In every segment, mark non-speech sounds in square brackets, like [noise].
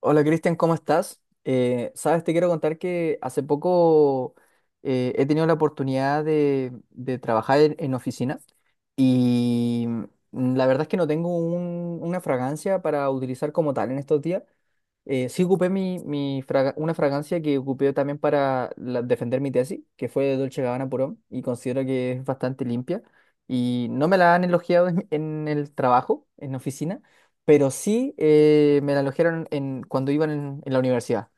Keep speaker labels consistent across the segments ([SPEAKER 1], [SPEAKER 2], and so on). [SPEAKER 1] Hola Cristian, ¿cómo estás? Sabes, te quiero contar que hace poco he tenido la oportunidad de trabajar en oficina y la verdad es que no tengo una fragancia para utilizar como tal en estos días. Sí ocupé mi una fragancia que ocupé también para defender mi tesis, que fue de Dolce Gabbana Pro Homme, y considero que es bastante limpia y no me la han elogiado en el trabajo, en la oficina, pero sí me la alojaron en, cuando iban en la universidad.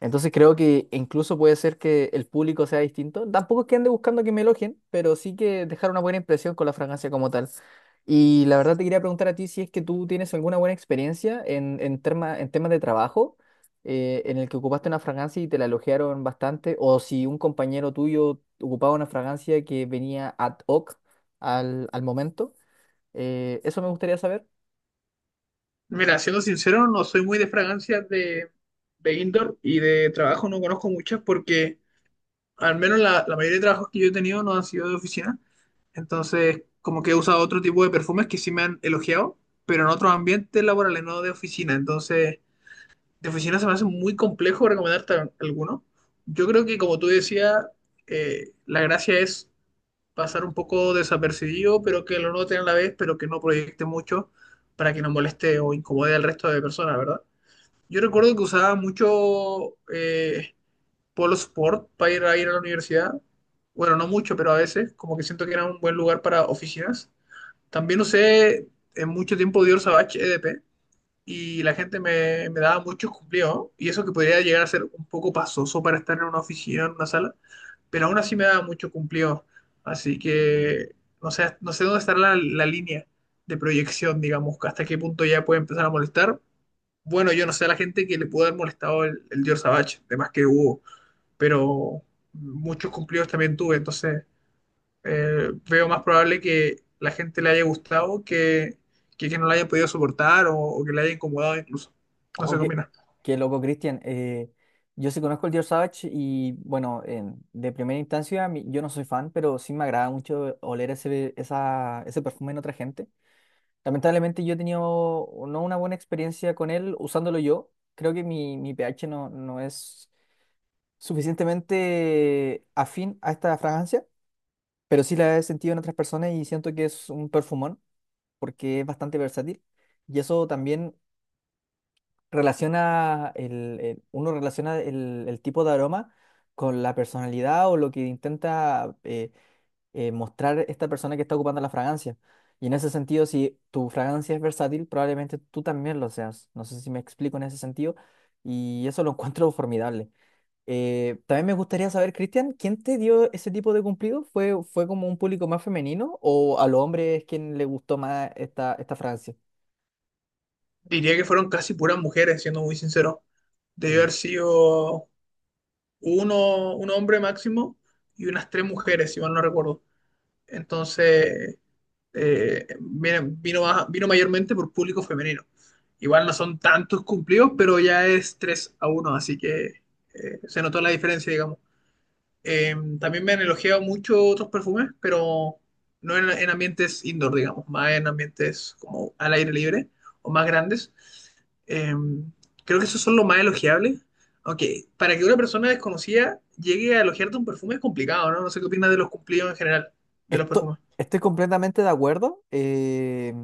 [SPEAKER 1] Entonces creo que incluso puede ser que el público sea distinto. Tampoco es que ande buscando que me elogien, pero sí que dejar una buena impresión con la fragancia como tal. Y la verdad te quería preguntar a ti si es que tú tienes alguna buena experiencia en en temas de trabajo en el que ocupaste una fragancia y te la elogiaron bastante, o si un compañero tuyo ocupaba una fragancia que venía ad hoc al momento. Eso me gustaría saber.
[SPEAKER 2] Mira, siendo sincero, no soy muy de fragancias de indoor y de trabajo no conozco muchas porque al menos la mayoría de trabajos que yo he tenido no han sido de oficina. Entonces, como que he usado otro tipo de perfumes que sí me han elogiado, pero en otros ambientes laborales, no de oficina. Entonces, de oficina se me hace muy complejo recomendarte alguno. Yo creo que, como tú decías, la gracia es pasar un poco desapercibido, pero que lo noten a la vez, pero que no proyecte mucho para que no moleste o incomode al resto de personas, ¿verdad? Yo recuerdo que usaba mucho Polo Sport para ir ir a la universidad. Bueno, no mucho, pero a veces, como que siento que era un buen lugar para oficinas. También usé en mucho tiempo Dior Savage EDP y la gente me daba muchos cumplidos. Y eso que podría llegar a ser un poco pasoso para estar en una oficina, en una sala, pero aún así me daba mucho cumplidos. Así que no sé, no sé dónde estará la línea de proyección, digamos, hasta qué punto ya puede empezar a molestar, bueno, yo no sé a la gente que le pudo haber molestado el George Savage, de más que hubo, pero muchos cumplidos también tuve, entonces veo más probable que la gente le haya gustado que no la haya podido soportar o que le haya incomodado incluso. No
[SPEAKER 1] Ojo,
[SPEAKER 2] sé qué opinas.
[SPEAKER 1] qué loco, Cristian. Yo sí conozco el George Savage y bueno, de primera instancia yo no soy fan, pero sí me agrada mucho oler ese perfume en otra gente. Lamentablemente yo he tenido no una buena experiencia con él usándolo yo. Creo que mi pH no es suficientemente afín a esta fragancia, pero sí la he sentido en otras personas y siento que es un perfumón porque es bastante versátil. Y eso también relaciona uno relaciona el tipo de aroma con la personalidad o lo que intenta mostrar esta persona que está ocupando la fragancia. Y en ese sentido, si tu fragancia es versátil, probablemente tú también lo seas. No sé si me explico en ese sentido y eso lo [laughs] encuentro formidable. También me gustaría saber, Cristian, ¿quién te dio ese tipo de cumplido? Fue como un público más femenino o a los hombres quien le gustó más esta fragancia?
[SPEAKER 2] Diría que fueron casi puras mujeres, siendo muy sincero. Debió haber sido un hombre máximo y unas tres mujeres, si mal no recuerdo. Entonces, vino mayormente por público femenino. Igual no son tantos cumplidos, pero ya es 3 a uno, así que se notó la diferencia, digamos. Eh, también me han elogiado mucho otros perfumes, pero no en ambientes indoor, digamos, más en ambientes como al aire libre o más grandes. Eh, creo que esos son los más elogiables. Aunque para que una persona desconocida llegue a elogiarte un perfume es complicado, ¿no? No sé qué opinas de los cumplidos en general, de los perfumes.
[SPEAKER 1] Estoy completamente de acuerdo.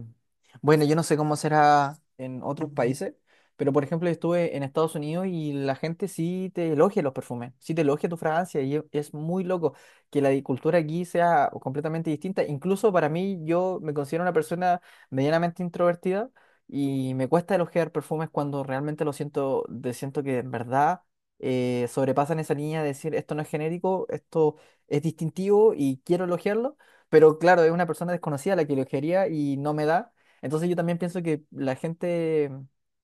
[SPEAKER 1] Bueno, yo no sé cómo será en otros países, pero por ejemplo, estuve en Estados Unidos y la gente sí te elogia los perfumes, sí te elogia tu fragancia y es muy loco que la cultura aquí sea completamente distinta. Incluso para mí, yo me considero una persona medianamente introvertida y me cuesta elogiar perfumes cuando realmente lo siento, siento que en verdad sobrepasan esa línea de decir esto no es genérico, esto es distintivo y quiero elogiarlo, pero claro, es una persona desconocida la que lo quería y no me da. Entonces yo también pienso que la gente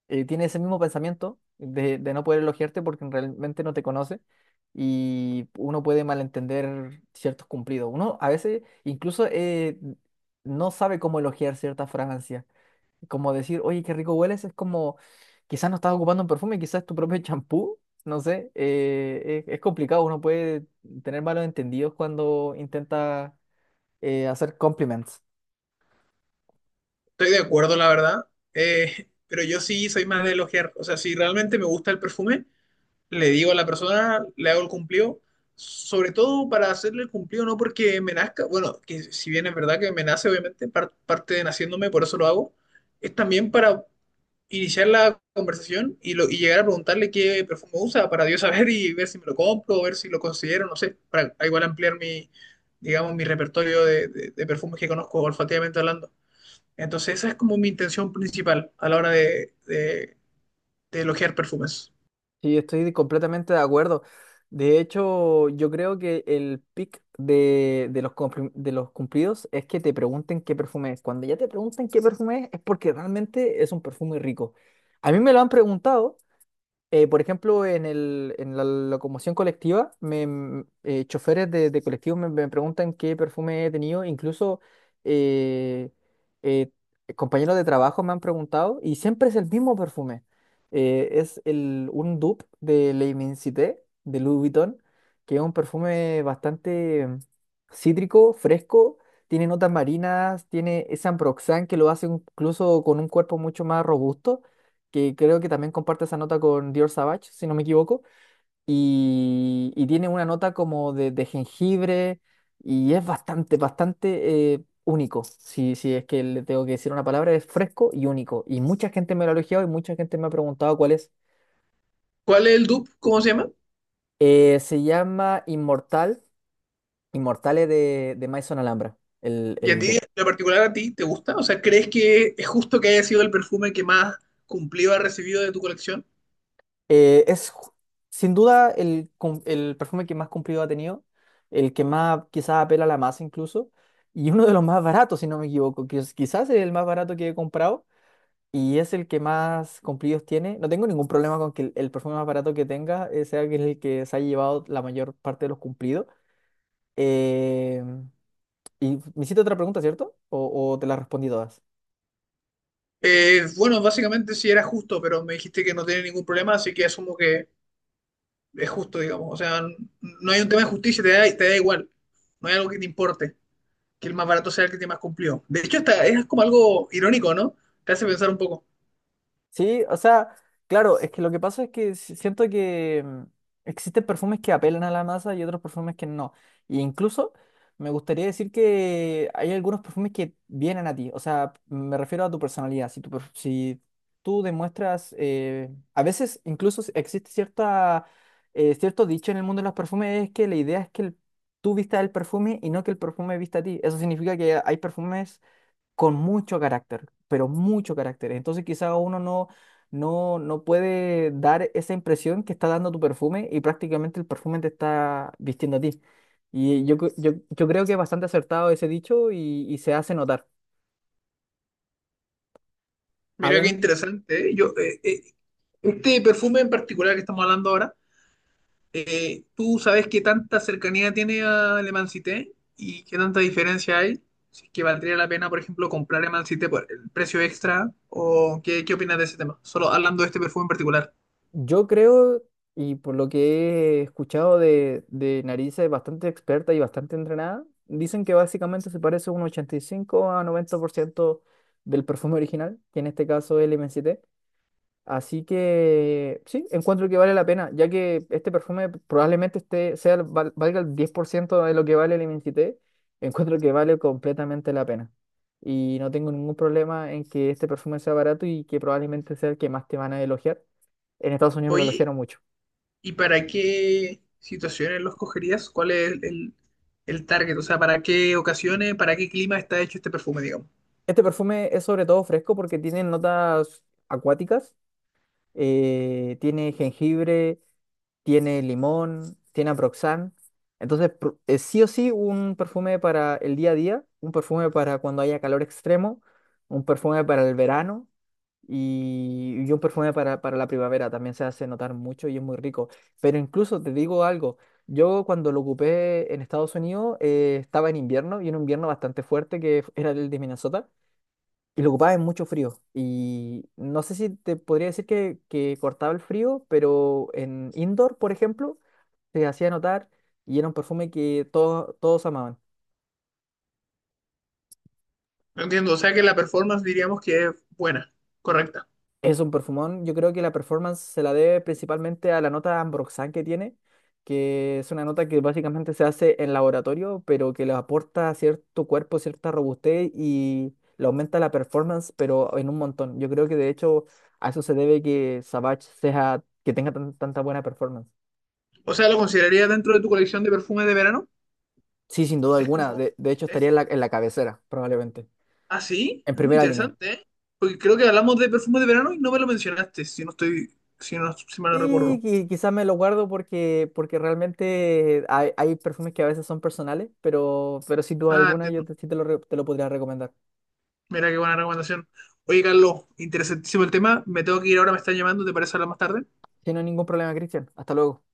[SPEAKER 1] tiene ese mismo pensamiento de no poder elogiarte porque realmente no te conoce y uno puede malentender ciertos cumplidos. Uno a veces incluso no sabe cómo elogiar cierta fragancia. Como decir, oye, qué rico hueles, es como quizás no estás ocupando un perfume, quizás tu propio [laughs] champú. No sé, es complicado, uno puede tener malos entendidos cuando intenta hacer compliments.
[SPEAKER 2] Estoy de acuerdo, la verdad. Pero yo sí soy más de elogiar. O sea, si realmente me gusta el perfume, le digo a la persona, le hago el cumplido. Sobre todo para hacerle el cumplido, no porque me nazca. Bueno, que si bien es verdad que me nace, obviamente, parte de naciéndome, por eso lo hago. Es también para iniciar la conversación y, lo, y llegar a preguntarle qué perfume usa, para Dios saber y ver si me lo compro, o ver si lo considero, no sé. Para igual ampliar mi, digamos, mi repertorio de perfumes que conozco olfativamente hablando. Entonces, esa es como mi intención principal a la hora de elogiar perfumes.
[SPEAKER 1] Sí, estoy completamente de acuerdo. De hecho, yo creo que el pick de de los cumplidos es que te pregunten qué perfume es. Cuando ya te pregunten qué perfume es porque realmente es un perfume rico. A mí me lo han preguntado. Por ejemplo, en en la locomoción colectiva, choferes de colectivos me preguntan qué perfume he tenido, incluso eh, eh, compañeros de trabajo me han preguntado y siempre es el mismo perfume. Es un dupe de Le Immensité, de Louis Vuitton, que es un perfume bastante cítrico, fresco, tiene notas marinas, tiene ese ambroxan que lo hace incluso con un cuerpo mucho más robusto, que creo que también comparte esa nota con Dior Savage, si no me equivoco, y tiene una nota como de jengibre y es bastante único. Si es que le tengo que decir una palabra, es fresco y único. Y mucha gente me lo ha elogiado y mucha gente me ha preguntado cuál es.
[SPEAKER 2] ¿Cuál es el dupe? ¿Cómo se llama?
[SPEAKER 1] Se llama Inmortal, Inmortales de Maison Alhambra,
[SPEAKER 2] ¿Y a
[SPEAKER 1] el
[SPEAKER 2] ti, en
[SPEAKER 1] dupe.
[SPEAKER 2] lo particular, a ti te gusta? O sea, ¿crees que es justo que haya sido el perfume que más cumplido ha recibido de tu colección?
[SPEAKER 1] Eh, es ju- sin duda el, el perfume que más cumplido ha tenido, el que más quizás apela a la masa incluso, y uno de los más baratos, si no me equivoco, quizás es el más barato que he comprado y es el que más cumplidos tiene. No tengo ningún problema con que el perfume más barato que tenga sea que el que se haya llevado la mayor parte de los cumplidos. Eh, y me hiciste otra pregunta, ¿cierto? O te la respondí todas?
[SPEAKER 2] Bueno, básicamente sí era justo, pero me dijiste que no tiene ningún problema, así que asumo que es justo, digamos. O sea, no hay un tema de justicia, te da igual. No hay algo que te importe, que el más barato sea el que te más cumplió. De hecho, hasta es como algo irónico, ¿no? Te hace pensar un poco.
[SPEAKER 1] Sí, o sea, claro, es que lo que pasa es que siento que existen perfumes que apelan a la masa y otros perfumes que no. E incluso me gustaría decir que hay algunos perfumes que vienen a ti, o sea, me refiero a tu personalidad. Si tú, si tú demuestras, a veces incluso existe cierta, cierto dicho en el mundo de los perfumes, es que la idea es que tú vistas el perfume y no que el perfume vista a ti. Eso significa que hay perfumes con mucho carácter, pero mucho carácter. Entonces quizá uno no, no, no puede dar esa impresión que está dando tu perfume y prácticamente el perfume te está vistiendo a ti. Y yo creo que es bastante acertado ese dicho y se hace notar.
[SPEAKER 2] Mira qué
[SPEAKER 1] Además,
[SPEAKER 2] interesante, ¿eh? Este perfume en particular que estamos hablando ahora, ¿tú sabes qué tanta cercanía tiene a Le Man Cité y qué tanta diferencia hay? Si es que valdría la pena, por ejemplo, comprar Le Man Cité por el precio extra, o qué, qué opinas de ese tema, solo hablando de este perfume en particular.
[SPEAKER 1] yo creo, y por lo que he escuchado de narices bastante experta y bastante entrenada, dicen que básicamente se parece un 85 a 90% del perfume original, que en este caso es el m MST. Así que sí, encuentro que vale la pena, ya que este perfume probablemente esté, sea, el val- valga el 10% de lo que vale el MCT, encuentro que vale completamente la pena. Y no tengo ningún problema en que este perfume sea barato y que probablemente sea el que más te van a elogiar. En Estados Unidos me lo
[SPEAKER 2] Oye,
[SPEAKER 1] elogiaron mucho.
[SPEAKER 2] ¿y para qué situaciones lo escogerías? ¿Cuál es el target? O sea, ¿para qué ocasiones, para qué clima está hecho este perfume, digamos?
[SPEAKER 1] Este perfume es sobre todo fresco porque tiene notas acuáticas, tiene jengibre, tiene limón, tiene Aproxan. Sí o sí, un perfume para el día a día, un perfume para cuando haya calor extremo, un perfume para el verano y un perfume para la primavera. También se hace notar mucho y es muy rico. Pero incluso te digo algo, yo cuando lo ocupé en Estados Unidos estaba en invierno y en un invierno bastante fuerte que era el de Minnesota. Y lo ocupaba en mucho frío. Y no sé si te podría decir que cortaba el frío, pero en indoor, por ejemplo, se hacía notar y era un perfume que todos amaban.
[SPEAKER 2] No entiendo, o sea que la performance diríamos que es buena, correcta.
[SPEAKER 1] Es un perfumón, yo creo que la performance se la debe principalmente a la nota ambroxan que tiene, que es una nota que básicamente se hace en laboratorio, pero que le aporta a cierto cuerpo, cierta robustez y le aumenta la performance, pero en un montón. Yo creo que de hecho a eso se debe que Savage sea, que tenga tanta buena performance.
[SPEAKER 2] O sea, ¿lo considerarías dentro de tu colección de perfumes de verano?
[SPEAKER 1] Sí, sin duda
[SPEAKER 2] Es
[SPEAKER 1] alguna.
[SPEAKER 2] como,
[SPEAKER 1] De hecho,
[SPEAKER 2] ¿eh?
[SPEAKER 1] estaría en en la cabecera, probablemente.
[SPEAKER 2] ¿Ah, sí?
[SPEAKER 1] En
[SPEAKER 2] Mm,
[SPEAKER 1] primera línea.
[SPEAKER 2] interesante, ¿eh? Porque creo que hablamos de perfumes de verano y no me lo mencionaste, si no estoy, si no, si mal no
[SPEAKER 1] Y,
[SPEAKER 2] recuerdo.
[SPEAKER 1] quizás me lo guardo porque, porque realmente hay perfumes que a veces son personales, pero sin duda
[SPEAKER 2] Ah,
[SPEAKER 1] alguna
[SPEAKER 2] entiendo.
[SPEAKER 1] sí te lo, te lo podría recomendar.
[SPEAKER 2] Mira qué buena recomendación. Oye, Carlos, interesantísimo el tema. Me tengo que ir ahora, me están llamando, ¿te parece hablar más tarde?
[SPEAKER 1] Si no hay ningún problema, Cristian. Hasta luego.